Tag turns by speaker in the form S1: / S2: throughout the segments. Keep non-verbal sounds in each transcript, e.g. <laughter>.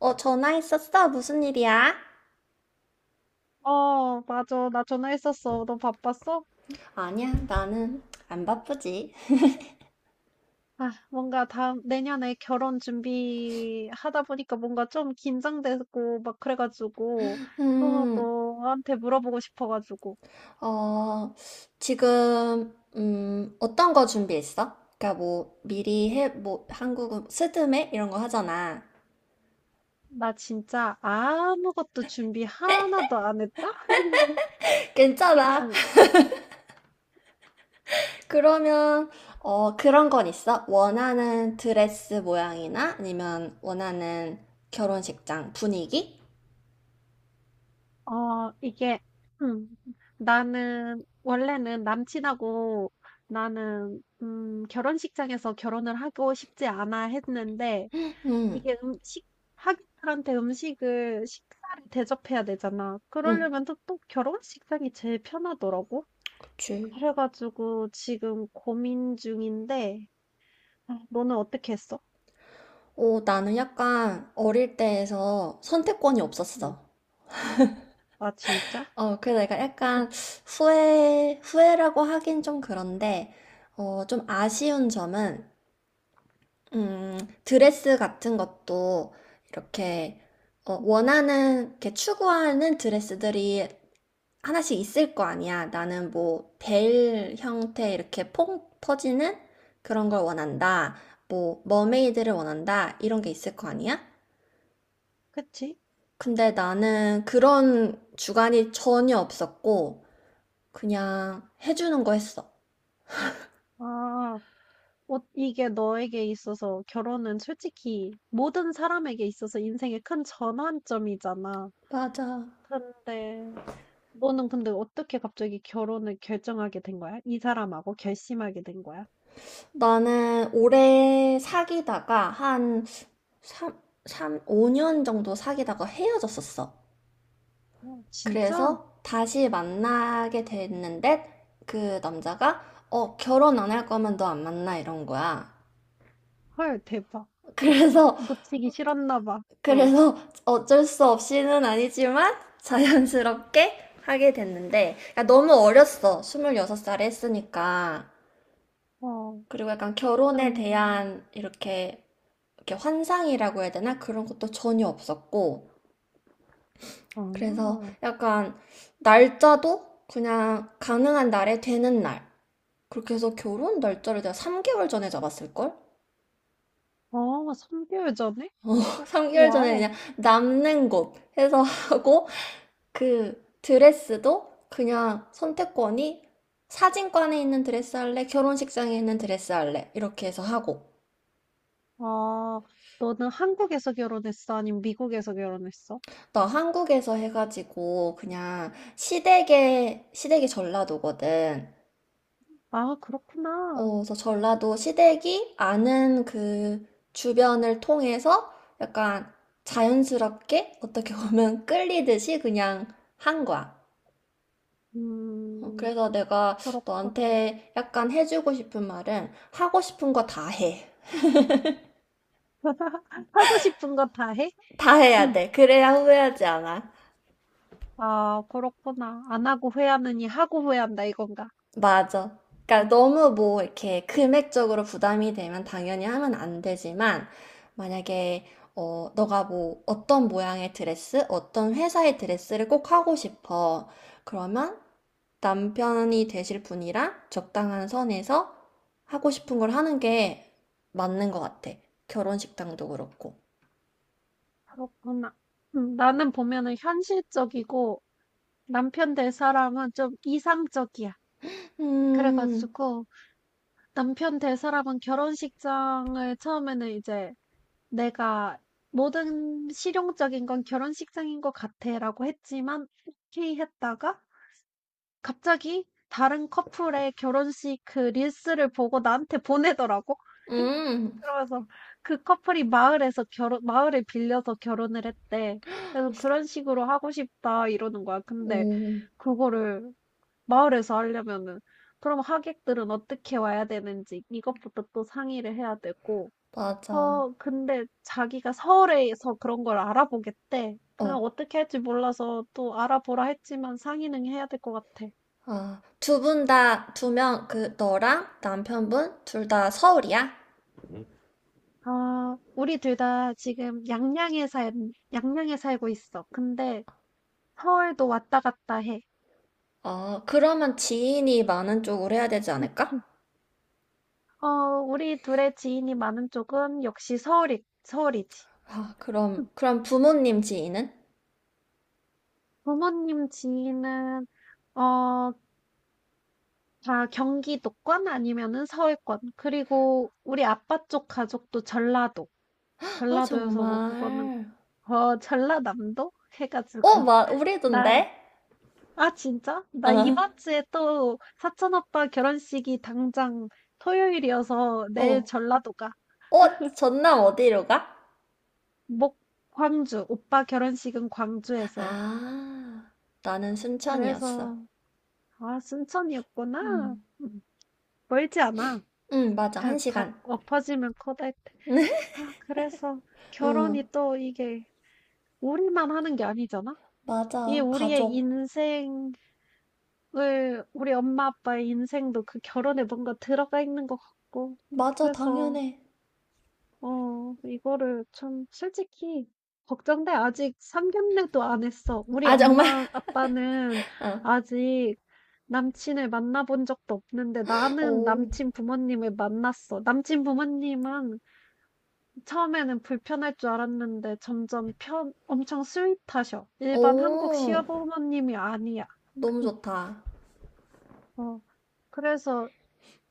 S1: 어, 전화했었어? 무슨 일이야?
S2: 어, 맞아. 나 전화했었어. 너 바빴어?
S1: 아니야, 나는 안 바쁘지.
S2: 아, 뭔가 다음, 내년에 결혼 준비하다 보니까 뭔가 좀 긴장되고 막 그래가지고, 어,
S1: 음,
S2: 너한테 물어보고 싶어가지고.
S1: 어, 지금, 어떤 거 준비했어? 그러니까 뭐, 미리 해, 뭐, 한국은 스드메? 이런 거 하잖아.
S2: 나 진짜 아무것도 준비 하나도 안 했다? <laughs>
S1: <laughs> 괜찮아.
S2: 그냥,
S1: 그러면, 그런 건 있어? 원하는 드레스 모양이나 아니면 원하는 결혼식장 분위기?
S2: 어, 이게, 음, 나는, 원래는 남친하고 나는, 결혼식장에서 결혼을 하고 싶지 않아 했는데,
S1: 음,
S2: 이게 음식 하객들한테 음식을 식사를 대접해야 되잖아.
S1: 음,
S2: 그러려면 또, 또 결혼식상이 제일 편하더라고.
S1: 그치.
S2: 그래 가지고 지금 고민 중인데 아, 너는 어떻게 했어?
S1: 오, 나는 약간 어릴 때에서 선택권이
S2: 음.
S1: 없었어.
S2: 아 진짜?
S1: 그래서 내가
S2: 음,
S1: 약간 후회라고 하긴 좀 그런데, 좀 아쉬운 점은, 음, 드레스 같은 것도 이렇게,
S2: 음.
S1: 원하는, 이렇게 추구하는 드레스들이 하나씩 있을 거 아니야. 나는 뭐, 벨 형태 이렇게 퐁 퍼지는 그런 걸 원한다. 뭐, 머메이드를 원한다. 이런 게 있을 거 아니야?
S2: 그치?
S1: 근데 나는 그런 주관이 전혀 없었고, 그냥 해주는 거 했어.
S2: 아, 어, 이게 너에게 있어서 결혼은 솔직히 모든 사람에게 있어서 인생의 큰 전환점이잖아.
S1: 맞아.
S2: 근데 너는 근데 어떻게 갑자기 결혼을 결정하게 된 거야? 이 사람하고 결심하게 된 거야?
S1: 나는 오래 사귀다가 한 3, 삼 5년 정도 사귀다가 헤어졌었어.
S2: 어, 진짜?
S1: 그래서 다시 만나게 됐는데 그 남자가 결혼 안 할 거면 너 안 만나 이런 거야.
S2: 헐, 대박.
S1: <laughs> 그래서
S2: 놓치기 싫었나 봐. 어,
S1: 그래서 어쩔 수 없이는 아니지만 자연스럽게 하게 됐는데 그러니까 너무 어렸어. 26살에 했으니까.
S2: 어,
S1: 그리고 약간 결혼에
S2: 그럼,
S1: 대한 이렇게 환상이라고 해야 되나? 그런 것도 전혀 없었고. 그래서
S2: 어,
S1: 약간 날짜도 그냥 가능한 날에 되는 날. 그렇게 해서 결혼 날짜를 내가 3개월 전에 잡았을걸?
S2: 어, 3개월 전에?
S1: <laughs>
S2: 어,
S1: 3개월 전에 그냥
S2: 와우.
S1: 남는 곳 해서 하고, 그 드레스도 그냥 선택권이 사진관에 있는 드레스 할래, 결혼식장에 있는 드레스 할래, 이렇게 해서 하고.
S2: 아, 너는 한국에서 결혼했어? 아니면 미국에서 결혼했어?
S1: 나 한국에서 해가지고 그냥 시댁에 시댁이 전라도거든.
S2: 아, 그렇구나.
S1: 그래서 전라도 시댁이 아는 그 주변을 통해서 약간 자연스럽게 어떻게 보면 <laughs> 끌리듯이 그냥 한 거야.
S2: 음,
S1: 그래서 내가
S2: 그렇구나.
S1: 너한테 약간 해주고 싶은 말은 하고 싶은 거 다 해.
S2: <laughs> 하고 싶은 거 다 해?
S1: 다 해야
S2: 음,
S1: 돼. 그래야 후회하지 않아.
S2: 아, 그렇구나. 안 하고 후회하느니 하고 후회한다, 이건가?
S1: 맞아. 그러니까
S2: 음.
S1: 너무 뭐 이렇게 금액적으로 부담이 되면 당연히 하면 안 되지만 만약에 너가 뭐 어떤 모양의 드레스, 어떤 회사의 드레스를 꼭 하고 싶어. 그러면 남편이 되실 분이랑 적당한 선에서 하고 싶은 걸 하는 게 맞는 것 같아. 결혼식당도 그렇고.
S2: 그렇구나. 나는 보면은 현실적이고 남편 될 사람은 좀 이상적이야.
S1: 음,
S2: 그래가지고 남편 될 사람은 결혼식장을 처음에는 이제 내가 모든 실용적인 건 결혼식장인 것 같아라고 했지만 오케이 했다가 갑자기 다른 커플의 결혼식 그 릴스를 보고 나한테 보내더라고.
S1: 음,
S2: 그러면서 그 커플이 마을에서 결혼 마을을 빌려서 결혼을 했대. 그래서 "그런 식으로 하고 싶다." 이러는 거야. 근데
S1: 오,
S2: 그거를 마을에서 하려면은 그럼 하객들은 어떻게 와야 되는지 이것부터 또 상의를 해야 되고
S1: 맞아.
S2: 어 근데 자기가 서울에서 그런 걸 알아보겠대. 그냥
S1: 어,
S2: 어떻게 할지 몰라서 또 알아보라 했지만 상의는 해야 될 것 같아.
S1: 어, 두 명, 그, 너랑 남편분? 둘 다 서울이야? 응.
S2: 아, 우리 둘 다 지금 양양에 살고 있어. 근데 서울도 왔다 갔다 해.
S1: 그러면 지인이 많은 쪽으로 해야 되지
S2: 음,
S1: 않을까?
S2: 어, 우리 둘의 지인이 많은 쪽은 역시 서울이지.
S1: 아, 그럼,
S2: 음,
S1: 그럼 부모님 지인은?
S2: 부모님 지인은, 어, 다 경기도권 아니면은 서울권. 그리고 우리 아빠 쪽 가족도 전라도.
S1: 아,
S2: 전라도여서 뭐 그거는,
S1: 정말.
S2: 어, 전라남도? 해가지고.
S1: 막,
S2: <laughs> 나,
S1: 우리던데?
S2: 아, 진짜? 나
S1: 어,
S2: 이번 주에 또 사촌 오빠 결혼식이 당장 토요일이어서 내일
S1: 어,
S2: 전라도 가.
S1: 어, 전남 어디로 가?
S2: 목 광주. 오빠 결혼식은 광주에서 해.
S1: 아, 나는 순천이었어.
S2: 그래서 아, 순천이었구나.
S1: 음,
S2: 음, 멀지 않아.
S1: 맞아. 한
S2: 그냥 다
S1: 시간.
S2: 엎어지면 커다했
S1: <laughs>
S2: 아, 그래서
S1: 응,
S2: 결혼이 또 이게 우리만 하는 게 아니잖아. 이
S1: 맞아.
S2: 우리의
S1: 가족.
S2: 인생을 우리 엄마 아빠의 인생도 그 결혼에 뭔가 들어가 있는 것 같고.
S1: 맞아,
S2: 그래서
S1: 당연해.
S2: 어 이거를 참 솔직히 걱정돼. 아직 상견례도 안 했어. 우리
S1: 아, 정말?
S2: 엄마 아빠는
S1: <laughs> 어.
S2: 아직 남친을 만나본 적도 없는데 나는
S1: 오.
S2: 남친 부모님을 만났어. 남친 부모님은 처음에는 불편할 줄 알았는데 점점 편 엄청 스윗하셔. 일반 한국
S1: 오,
S2: 시어머님이 아니야.
S1: 너무 좋다.
S2: 어 그래서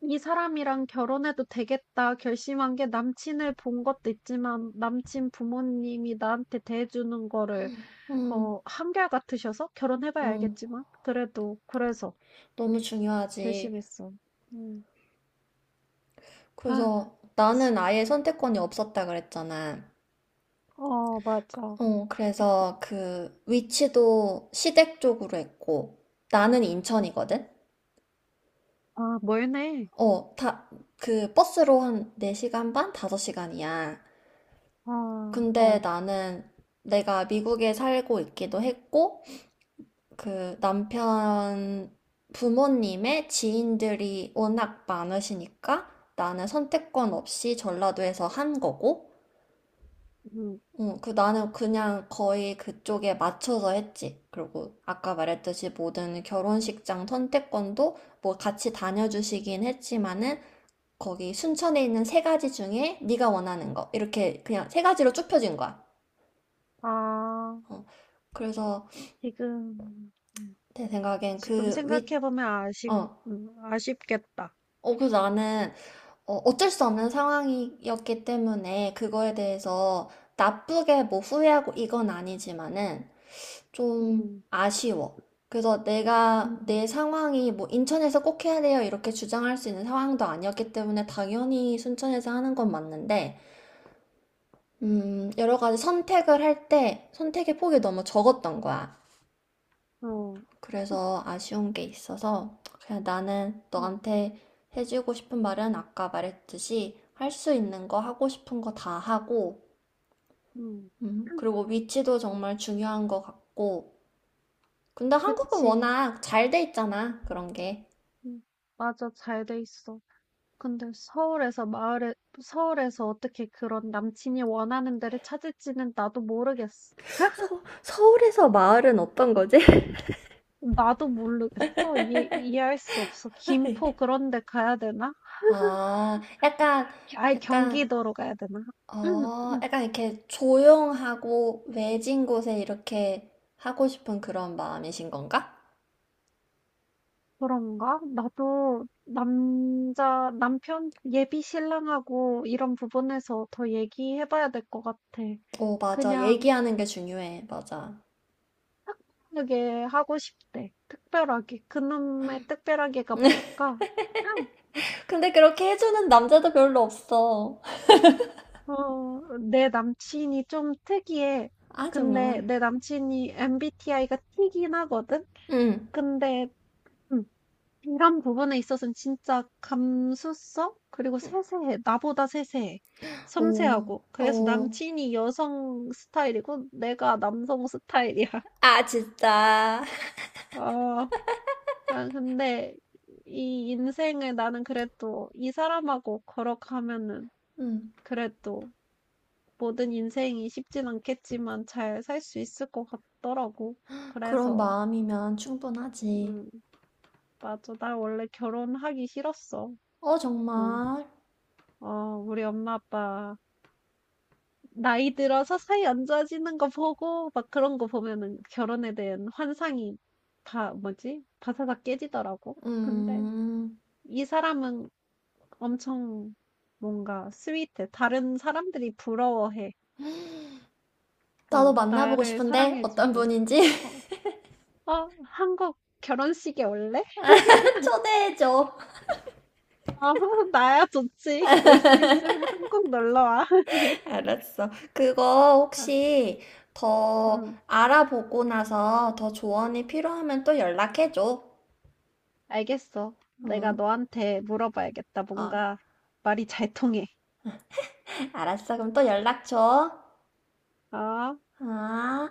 S2: '이 사람이랑 결혼해도 되겠다.' 결심한 게 남친을 본 것도 있지만 남친 부모님이 나한테 대해주는 거를
S1: 음,
S2: 어 한결같으셔서 결혼해 봐야
S1: 음,
S2: 알겠지만 그래도 그래서
S1: 너무 중요하지.
S2: 결심했어. 음. 아
S1: 그래서
S2: 시
S1: 나는 아예 선택권이 없었다 그랬잖아.
S2: 어 맞아.
S1: 그래서 그 위치도 시댁 쪽으로 했고, 나는 인천이거든?
S2: 아 멀네.
S1: 다, 그 버스로 한 4시간 반? 5시간이야.
S2: 아
S1: 근데
S2: 어.
S1: 나는 내가 미국에 살고 있기도 했고, 그 남편 부모님의 지인들이 워낙 많으시니까 나는 선택권 없이 전라도에서 한 거고,
S2: 음.
S1: 응, 그 나는 그냥 거의 그쪽에 맞춰서 했지. 그리고 아까 말했듯이 모든 결혼식장 선택권도 뭐 같이 다녀주시긴 했지만은 거기 순천에 있는 세 가지 중에 네가 원하는 거 이렇게 그냥 세 가지로 쭉 펴진 거야.
S2: 아
S1: 어, 그래서
S2: 지금
S1: 내 생각엔
S2: 지금
S1: 그 윗,
S2: 생각해 보면
S1: 어,
S2: 아쉽겠다.
S1: 어, 그래서 나는 어쩔 수 없는 상황이었기 때문에 그거에 대해서 나쁘게 뭐 후회하고 이건 아니지만은 좀
S2: 음.
S1: 아쉬워. 그래서 내가
S2: 음.
S1: 내 상황이 뭐 인천에서 꼭 해야 돼요 이렇게 주장할 수 있는 상황도 아니었기 때문에 당연히 순천에서 하는 건 맞는데, 여러 가지 선택을 할 때 선택의 폭이 너무 적었던 거야.
S2: 어.
S1: 그래서 아쉬운 게 있어서 그냥 나는
S2: 음.
S1: 너한테 해주고 싶은 말은 아까 말했듯이 할 수 있는 거 하고 싶은 거 다 하고
S2: 음.
S1: 그리고 위치도 정말 중요한 것 같고 근데 한국은
S2: 그치.
S1: 워낙 잘 돼 있잖아 그런 게.
S2: 음. 맞아. 잘 돼 있어. 근데 서울에서 어떻게 그런 남친이 원하는 데를 찾을지는 나도 모르겠어.
S1: 서울에서 마을은 어떤 거지?
S2: 나도 모르겠어. 이해할 수 없어. 김포
S1: <laughs>
S2: 그런 데 가야 되나?
S1: 아,
S2: 아예
S1: 약간,
S2: 경기도로 가야 되나?
S1: 어,
S2: <clears throat>
S1: 약간 이렇게 조용하고 외진 곳에 이렇게 하고 싶은 그런 마음이신 건가?
S2: 그런가? 나도 남자 남편 예비 신랑하고 이런 부분에서 더 얘기해봐야 될 것 같아.
S1: 오, 맞아.
S2: 그냥
S1: 얘기하는 게 중요해. 맞아.
S2: 특별하게 하고 싶대. 특별하게. 그놈의 특별하게가
S1: <laughs>
S2: 뭘까? 응.
S1: 근데 그렇게 해주는 남자도 별로 없어.
S2: 어, 내 남친이 좀 특이해.
S1: 아,
S2: 근데
S1: 정말.
S2: 내 남친이 MBTI가 T긴 하거든?
S1: 응.
S2: 근데, 음, 이런 부분에 있어서는 진짜 감수성? 그리고 세세해. 나보다 세세해.
S1: 오,
S2: 섬세하고. 그래서
S1: 오.
S2: 남친이 여성 스타일이고, 내가 남성 스타일이야. <laughs>
S1: 아, 진짜.
S2: 아. 아 근데 이 인생을 나는 그래도 이 사람하고 걸어가면은
S1: 응.
S2: 그래도 모든 인생이 쉽진 않겠지만 잘 살 수 있을 것 같더라고.
S1: 그런
S2: 그래서,
S1: 마음이면 충분하지.
S2: 음, 맞아. 나 원래 결혼하기 싫었어.
S1: 어,
S2: 응.
S1: 정말.
S2: 어, 우리 엄마 아빠 나이 들어서 사이 안 좋아지는 거 보고 막 그런 거 보면은 결혼에 대한 환상이 다 뭐지? 바사삭 깨지더라고. 근데
S1: 음.
S2: 이 사람은 엄청 뭔가 스윗해. 다른 사람들이 부러워해.
S1: 나도
S2: 어,
S1: 만나보고
S2: 나를
S1: 싶은데 어떤
S2: 사랑해주고.
S1: 분인지.
S2: 어, 어, 한국 결혼식에 올래?
S1: <laughs> 초대해줘.
S2: 어, <laughs> 나야 좋지. 올 수 있으면 한국 놀러 와. <laughs>
S1: 알았어. 그거
S2: 아,
S1: 혹시 더
S2: 음,
S1: 알아보고 나서 더 조언이 필요하면 또 연락해줘.
S2: 알겠어. 내가
S1: 응.
S2: 너한테 물어봐야겠다.
S1: 아.
S2: 뭔가 말이 잘 통해.
S1: 알았어. 그럼 또 연락 줘.
S2: 아.
S1: 아.